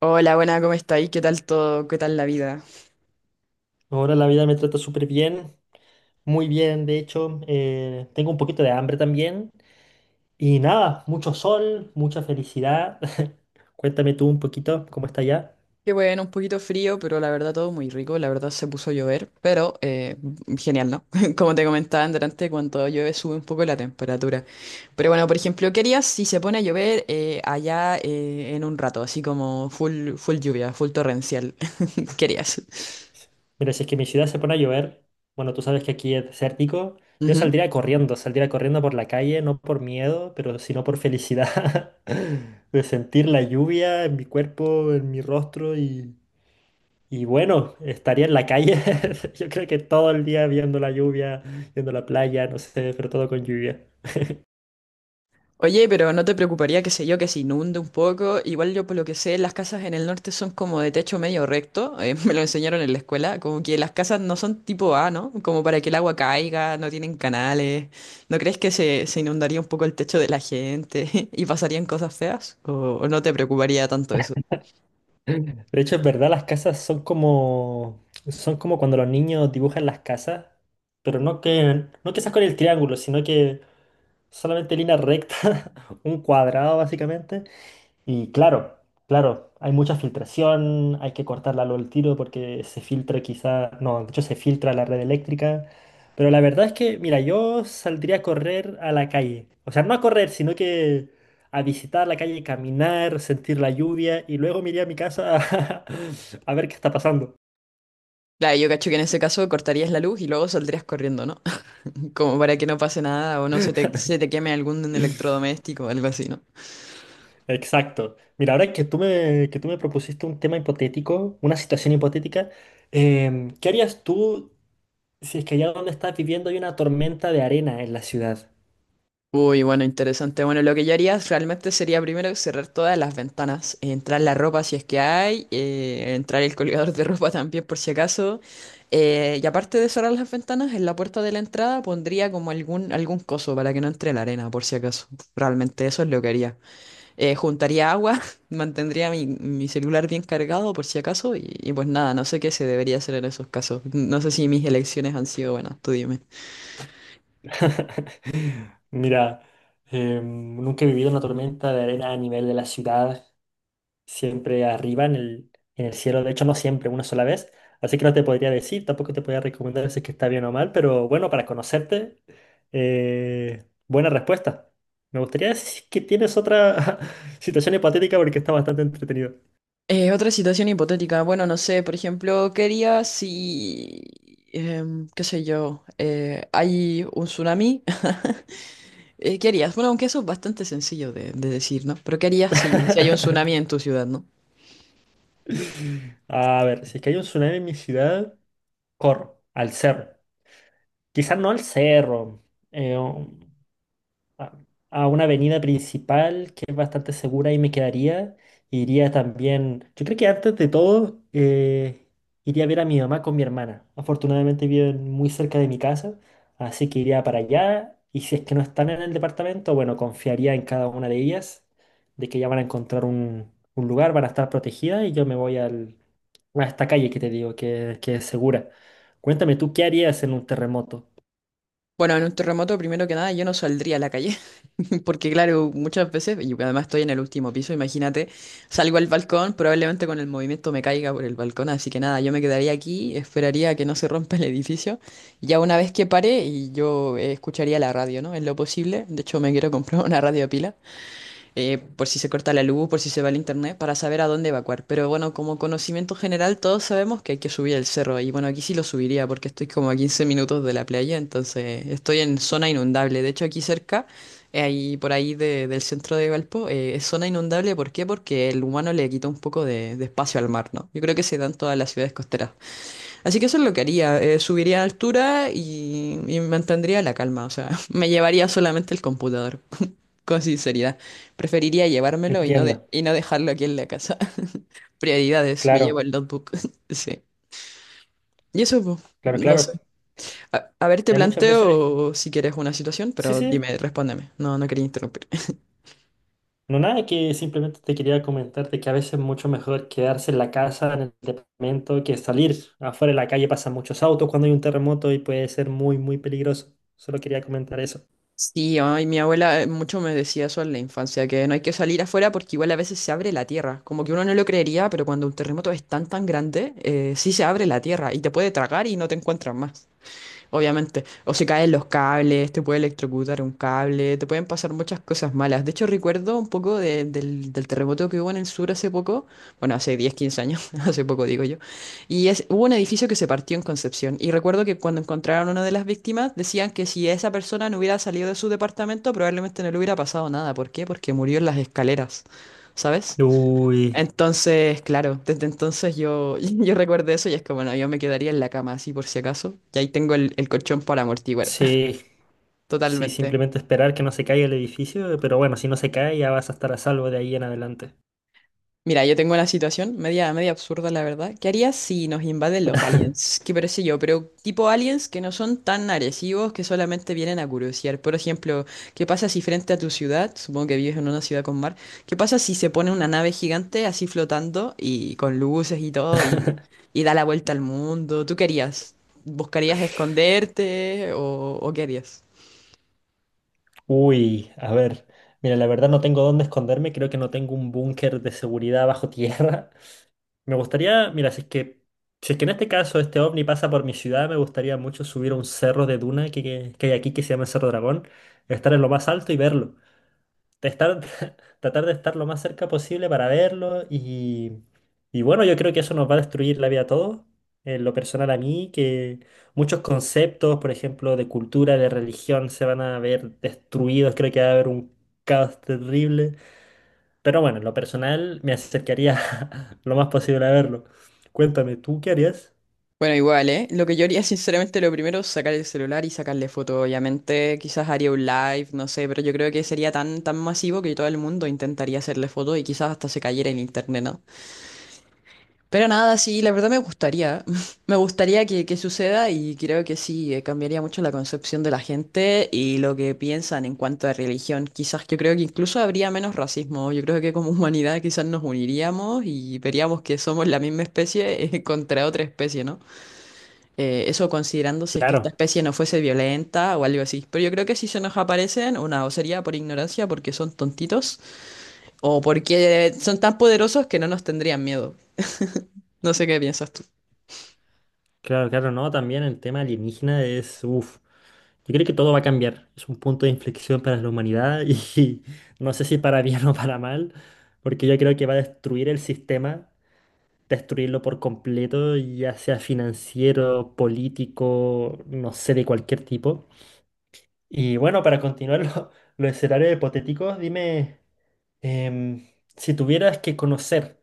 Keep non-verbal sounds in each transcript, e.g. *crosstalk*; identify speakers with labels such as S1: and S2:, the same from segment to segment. S1: Hola, buena, ¿cómo estáis? ¿Qué tal todo? ¿Qué tal la vida?
S2: Ahora la vida me trata súper bien, muy bien, de hecho. Tengo un poquito de hambre también. Y nada, mucho sol, mucha felicidad. *laughs* Cuéntame tú un poquito cómo está allá.
S1: Qué bueno, un poquito frío, pero la verdad todo muy rico. La verdad se puso a llover, pero genial, ¿no? *laughs* Como te comentaba antes, cuando llueve sube un poco la temperatura. Pero bueno, por ejemplo, ¿qué harías si se pone a llover allá en un rato? Así como full, full lluvia, full torrencial. *laughs* ¿Qué harías?
S2: Mira, si es que mi ciudad se pone a llover, bueno, tú sabes que aquí es desértico, yo saldría corriendo por la calle, no por miedo, pero sino por felicidad. *laughs* De sentir la lluvia en mi cuerpo, en mi rostro. Y... Y bueno, estaría en la calle, *laughs* yo creo que todo el día viendo la lluvia, viendo la playa, no sé, pero todo con lluvia.
S1: Oye, pero ¿no te preocuparía, qué sé yo, que se inunde un poco? Igual yo por lo que sé, las casas en el norte son como de techo medio recto, *laughs* me lo enseñaron en la escuela, como que las casas no son tipo A, ¿no? Como para que el agua caiga, no tienen canales. ¿No crees que se inundaría un poco el techo de la gente *laughs* y pasarían cosas feas? O no te preocuparía tanto eso?
S2: De hecho, es verdad, las casas son como cuando los niños dibujan las casas, pero no que seas con el triángulo, sino que solamente línea recta, *laughs* un cuadrado básicamente. Y claro, claro, hay mucha filtración, hay que cortarla luego al tiro porque se filtra quizá, no, de hecho se filtra la red eléctrica, pero la verdad es que, mira, yo saldría a correr a la calle, o sea, no a correr, sino que a visitar la calle, caminar, sentir la lluvia y luego me iría a mi casa, a, *laughs* a ver qué está pasando.
S1: Claro, yo cacho que en ese caso cortarías la luz y luego saldrías corriendo, ¿no? *laughs* Como para que no pase nada o no se te queme algún electrodoméstico o algo así, ¿no?
S2: Exacto. Mira, ahora que tú me propusiste un tema hipotético, una situación hipotética, ¿qué harías tú? Si es que allá donde estás viviendo hay una tormenta de arena en la ciudad.
S1: Uy, bueno, interesante. Bueno, lo que yo haría realmente sería primero cerrar todas las ventanas, entrar la ropa si es que hay, entrar el colgador de ropa también por si acaso. Y aparte de cerrar las ventanas, en la puerta de la entrada pondría como algún coso para que no entre la arena por si acaso. Realmente eso es lo que haría. Juntaría agua, *laughs* mantendría mi celular bien cargado por si acaso y pues nada, no sé qué se debería hacer en esos casos. No sé si mis elecciones han sido buenas, tú dime.
S2: *laughs* Mira, nunca he vivido una tormenta de arena a nivel de la ciudad, siempre arriba en el cielo, de hecho no siempre, una sola vez, así que no te podría decir, tampoco te podría recomendar si es que está bien o mal, pero bueno, para conocerte, buena respuesta. Me gustaría decir que tienes otra *laughs* situación hipotética porque está bastante entretenido.
S1: Otra situación hipotética. Bueno, no sé, por ejemplo, ¿qué harías si, em, qué sé yo, hay un tsunami? *laughs* ¿Qué harías? Bueno, aunque eso es bastante sencillo de decir, ¿no? Pero ¿qué harías si hay un tsunami en tu ciudad, ¿no?
S2: A ver, si es que hay un tsunami en mi ciudad, corro al cerro. Quizás no al cerro, eh, un- a, a una avenida principal que es bastante segura y me quedaría. Iría también, yo creo que antes de todo, iría a ver a mi mamá con mi hermana. Afortunadamente viven muy cerca de mi casa, así que iría para allá. Y si es que no están en el departamento, bueno, confiaría en cada una de ellas, de que ya van a encontrar un lugar, van a estar protegidas y yo me voy al- a esta calle que te digo, que es segura. Cuéntame, ¿tú qué harías en un terremoto?
S1: Bueno, en un terremoto, primero que nada, yo no saldría a la calle, *laughs* porque claro, muchas veces, y además estoy en el último piso, imagínate, salgo al balcón, probablemente con el movimiento me caiga por el balcón, así que nada, yo me quedaría aquí, esperaría a que no se rompa el edificio, y ya una vez que pare, y yo escucharía la radio, ¿no? En lo posible, de hecho me quiero comprar *laughs* una radio a pila, por si se corta la luz, por si se va el internet, para saber a dónde evacuar. Pero bueno, como conocimiento general, todos sabemos que hay que subir el cerro. Y bueno, aquí sí lo subiría porque estoy como a 15 minutos de la playa, entonces estoy en zona inundable. De hecho, aquí cerca, ahí por ahí de- del centro de Valpo, es zona inundable. ¿Por qué? Porque el humano le quita un poco de espacio al mar, ¿no? Yo creo que se dan todas las ciudades costeras. Así que eso es lo que haría. Eh, subiría a altura y mantendría la calma. O sea, *laughs* me llevaría solamente el computador. Con sinceridad, preferiría llevármelo
S2: Entiendo.
S1: y no dejarlo aquí en la casa. *laughs* Prioridades, me llevo
S2: Claro,
S1: el notebook. *laughs* Sí. Y eso, pues,
S2: claro,
S1: no sé.
S2: claro.
S1: A ver, te
S2: Hay muchas veces,
S1: planteo si quieres una situación,
S2: sí,
S1: pero
S2: sí,
S1: dime, respóndeme. No, no quería interrumpir. *laughs*
S2: no nada, que simplemente te quería comentarte que a veces es mucho mejor quedarse en la casa, en el departamento, que salir afuera en la calle. Pasan muchos autos cuando hay un terremoto y puede ser muy, muy peligroso. Solo quería comentar eso.
S1: Sí, ay, mi abuela mucho me decía eso en la infancia, que no hay que salir afuera porque igual a veces se abre la tierra. Como que uno no lo creería, pero cuando un terremoto es tan grande, sí se abre la tierra y te puede tragar y no te encuentras más. Obviamente. O se caen los cables, te puede electrocutar un cable, te pueden pasar muchas cosas malas. De hecho, recuerdo un poco del terremoto que hubo en el sur hace poco, bueno, hace 10 15 años, *laughs* hace poco digo yo, y es, hubo un edificio que se partió en Concepción. Y recuerdo que cuando encontraron a una de las víctimas, decían que si esa persona no hubiera salido de su departamento, probablemente no le hubiera pasado nada. ¿Por qué? Porque murió en las escaleras, ¿sabes?
S2: Uy,
S1: Entonces, claro, desde entonces yo, *laughs* yo recuerdo eso y es que, bueno, yo me quedaría en la cama así por si acaso. Y ahí tengo el colchón para amortiguar.
S2: sí,
S1: *laughs*
S2: sí,
S1: Totalmente.
S2: simplemente esperar que no se caiga el edificio, pero bueno, si no se cae ya vas a estar a salvo de ahí en adelante.
S1: Mira, yo tengo una situación media absurda, la verdad. ¿Qué harías si nos invaden los aliens? ¿Qué parece yo? Pero tipo aliens que no son tan agresivos, que solamente vienen a curiosear. Por ejemplo, ¿qué pasa si frente a tu ciudad, supongo que vives en una ciudad con mar, qué pasa si se pone una nave gigante así flotando y con luces y todo
S2: *laughs*
S1: y da la vuelta al mundo? ¿Tú qué harías? ¿Buscarías esconderte o qué harías?
S2: Uy, a ver, mira, la verdad no tengo dónde esconderme, creo que no tengo un búnker de seguridad bajo tierra. Me gustaría, mira, si es que en este caso este ovni pasa por mi ciudad, me gustaría mucho subir a un cerro de duna que hay aquí que se llama el Cerro Dragón, estar en lo más alto y verlo. De estar, *laughs* tratar de estar lo más cerca posible para verlo. Y y bueno, yo creo que eso nos va a destruir la vida a todos, en lo personal a mí, que muchos conceptos, por ejemplo, de cultura, de religión, se van a ver destruidos, creo que va a haber un caos terrible. Pero bueno, en lo personal me acercaría *laughs* lo más posible a verlo. Cuéntame, ¿tú qué harías?
S1: Bueno, igual, ¿eh? Lo que yo haría, *laughs* sinceramente, lo primero es sacar el celular y sacarle foto, obviamente. Quizás haría un live, no sé, pero yo creo que sería tan masivo que todo el mundo intentaría hacerle foto y quizás hasta se cayera en internet, ¿no? Pero nada, sí, la verdad me gustaría. *laughs* Me gustaría que suceda y creo que sí, cambiaría mucho la concepción de la gente y lo que piensan en cuanto a religión. Quizás yo creo que incluso habría menos racismo. Yo creo que como *laughs* humanidad quizás nos uniríamos y veríamos que somos la misma especie, *laughs* contra otra especie, ¿no? Eso considerando si es que esta
S2: Claro,
S1: especie no fuese violenta o algo así. Pero yo creo que si se nos aparecen, una o sería por ignorancia, porque son tontitos, o porque son tan poderosos que no nos tendrían miedo. No sé qué piensas tú.
S2: claro, claro, no, también el tema alienígena es, uff, yo creo que todo va a cambiar, es un punto de inflexión para la humanidad y *laughs* no sé si para bien o para mal, porque yo creo que va a destruir el sistema, destruirlo por completo, ya sea financiero, político, no sé, de cualquier tipo. Y bueno, para continuar *laughs* los escenarios hipotéticos, dime... Em, si tuvieras que conocer,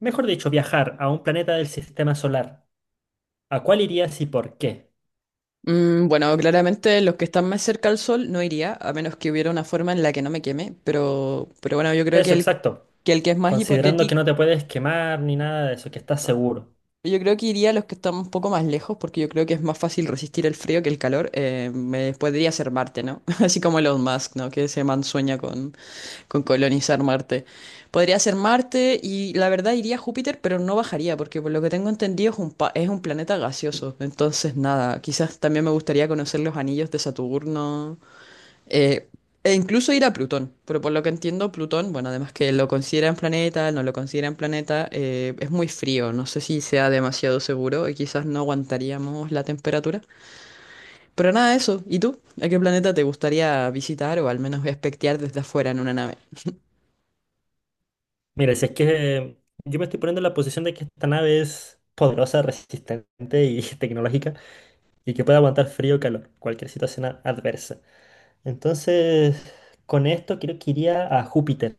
S2: mejor dicho, viajar a un planeta del sistema solar, ¿a cuál irías y por qué?
S1: Mm, bueno, claramente los que están más cerca al sol no iría, a menos que hubiera una forma en la que no me queme. Pero bueno, yo creo que
S2: Eso, exacto.
S1: el que es más
S2: Considerando que
S1: hipotético,
S2: no te puedes quemar ni nada de eso, que estás seguro.
S1: yo creo que iría a los que están un poco más lejos, porque yo creo que es más fácil resistir el frío que el calor. Me podría ser Marte, ¿no? *laughs* Así como Elon Musk, ¿no? Que se mansueña con colonizar Marte. Podría ser Marte y la verdad iría a Júpiter, pero no bajaría, porque por lo que tengo entendido es un, pa- es un planeta gaseoso. Entonces, nada, quizás también me gustaría conocer los anillos de Saturno. Eh, e incluso ir a Plutón, pero por lo que entiendo, Plutón, bueno, además que lo consideran planeta, no lo consideran planeta, es muy frío, no sé si sea demasiado seguro y quizás no aguantaríamos la temperatura. Pero nada, eso. ¿Y tú? ¿A qué planeta te gustaría visitar o al menos espectear desde afuera en una nave?
S2: Mira, si es que yo me estoy poniendo en la posición de que esta nave es poderosa, resistente y *laughs* tecnológica y que puede aguantar frío o calor, cualquier situación adversa. Entonces, con esto creo que iría a Júpiter.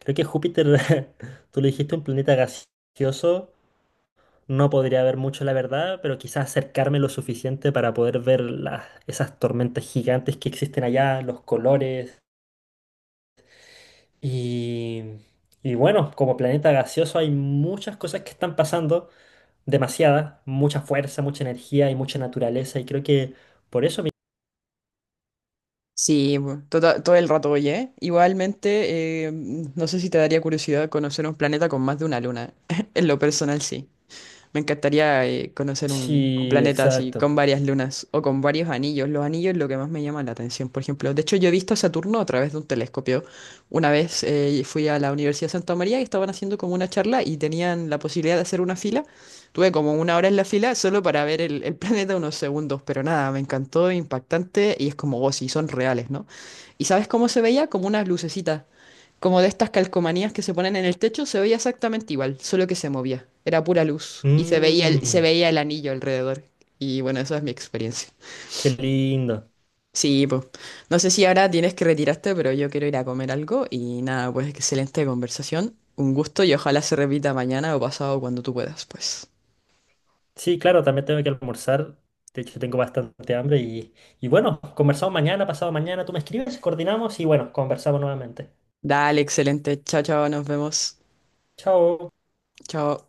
S2: Creo que Júpiter, *laughs* tú lo dijiste, un planeta gaseoso. No podría ver mucho la verdad, pero quizás acercarme lo suficiente para poder ver las, esas tormentas gigantes que existen allá, los colores. Y, y bueno, como planeta gaseoso hay muchas cosas que están pasando, demasiadas, mucha fuerza, mucha energía y mucha naturaleza. Y creo que por eso...
S1: Sí, bu- tota- todo el rato, oye. ¿Eh? Igualmente, no sé si te daría curiosidad conocer un planeta con más de una luna. *laughs* En lo personal, sí. Me encantaría conocer un
S2: Sí,
S1: planeta así,
S2: exacto.
S1: con varias lunas o con varios anillos. Los anillos es lo que más me llama la atención, por ejemplo. De hecho, yo he visto a Saturno a través de un telescopio. Una vez fui a la Universidad de Santa María y estaban haciendo como una charla y tenían la posibilidad de hacer una fila. Tuve como una hora en la fila solo para ver el *laughs* planeta unos segundos, pero nada, me encantó, impactante y es como, oh, sí, son reales, ¿no? ¿Y sabes cómo se veía? Como unas lucecitas como de estas calcomanías que se ponen en el techo, se veía exactamente igual, solo que se movía. Era pura luz. Y se veía se
S2: Mm,
S1: veía el anillo alrededor. Y bueno, esa es mi experiencia.
S2: qué lindo.
S1: Sí, pues. No sé si ahora tienes que retirarte, pero yo quiero ir a comer algo. Y nada, pues excelente conversación. Un gusto y ojalá se repita mañana o pasado cuando tú puedas, pues.
S2: Sí, claro, también tengo que almorzar. De hecho, tengo bastante hambre y bueno, conversamos mañana, pasado mañana, tú me escribes, coordinamos y bueno, conversamos nuevamente.
S1: Dale, excelente. Chao, chao, nos vemos.
S2: Chao.
S1: Chao.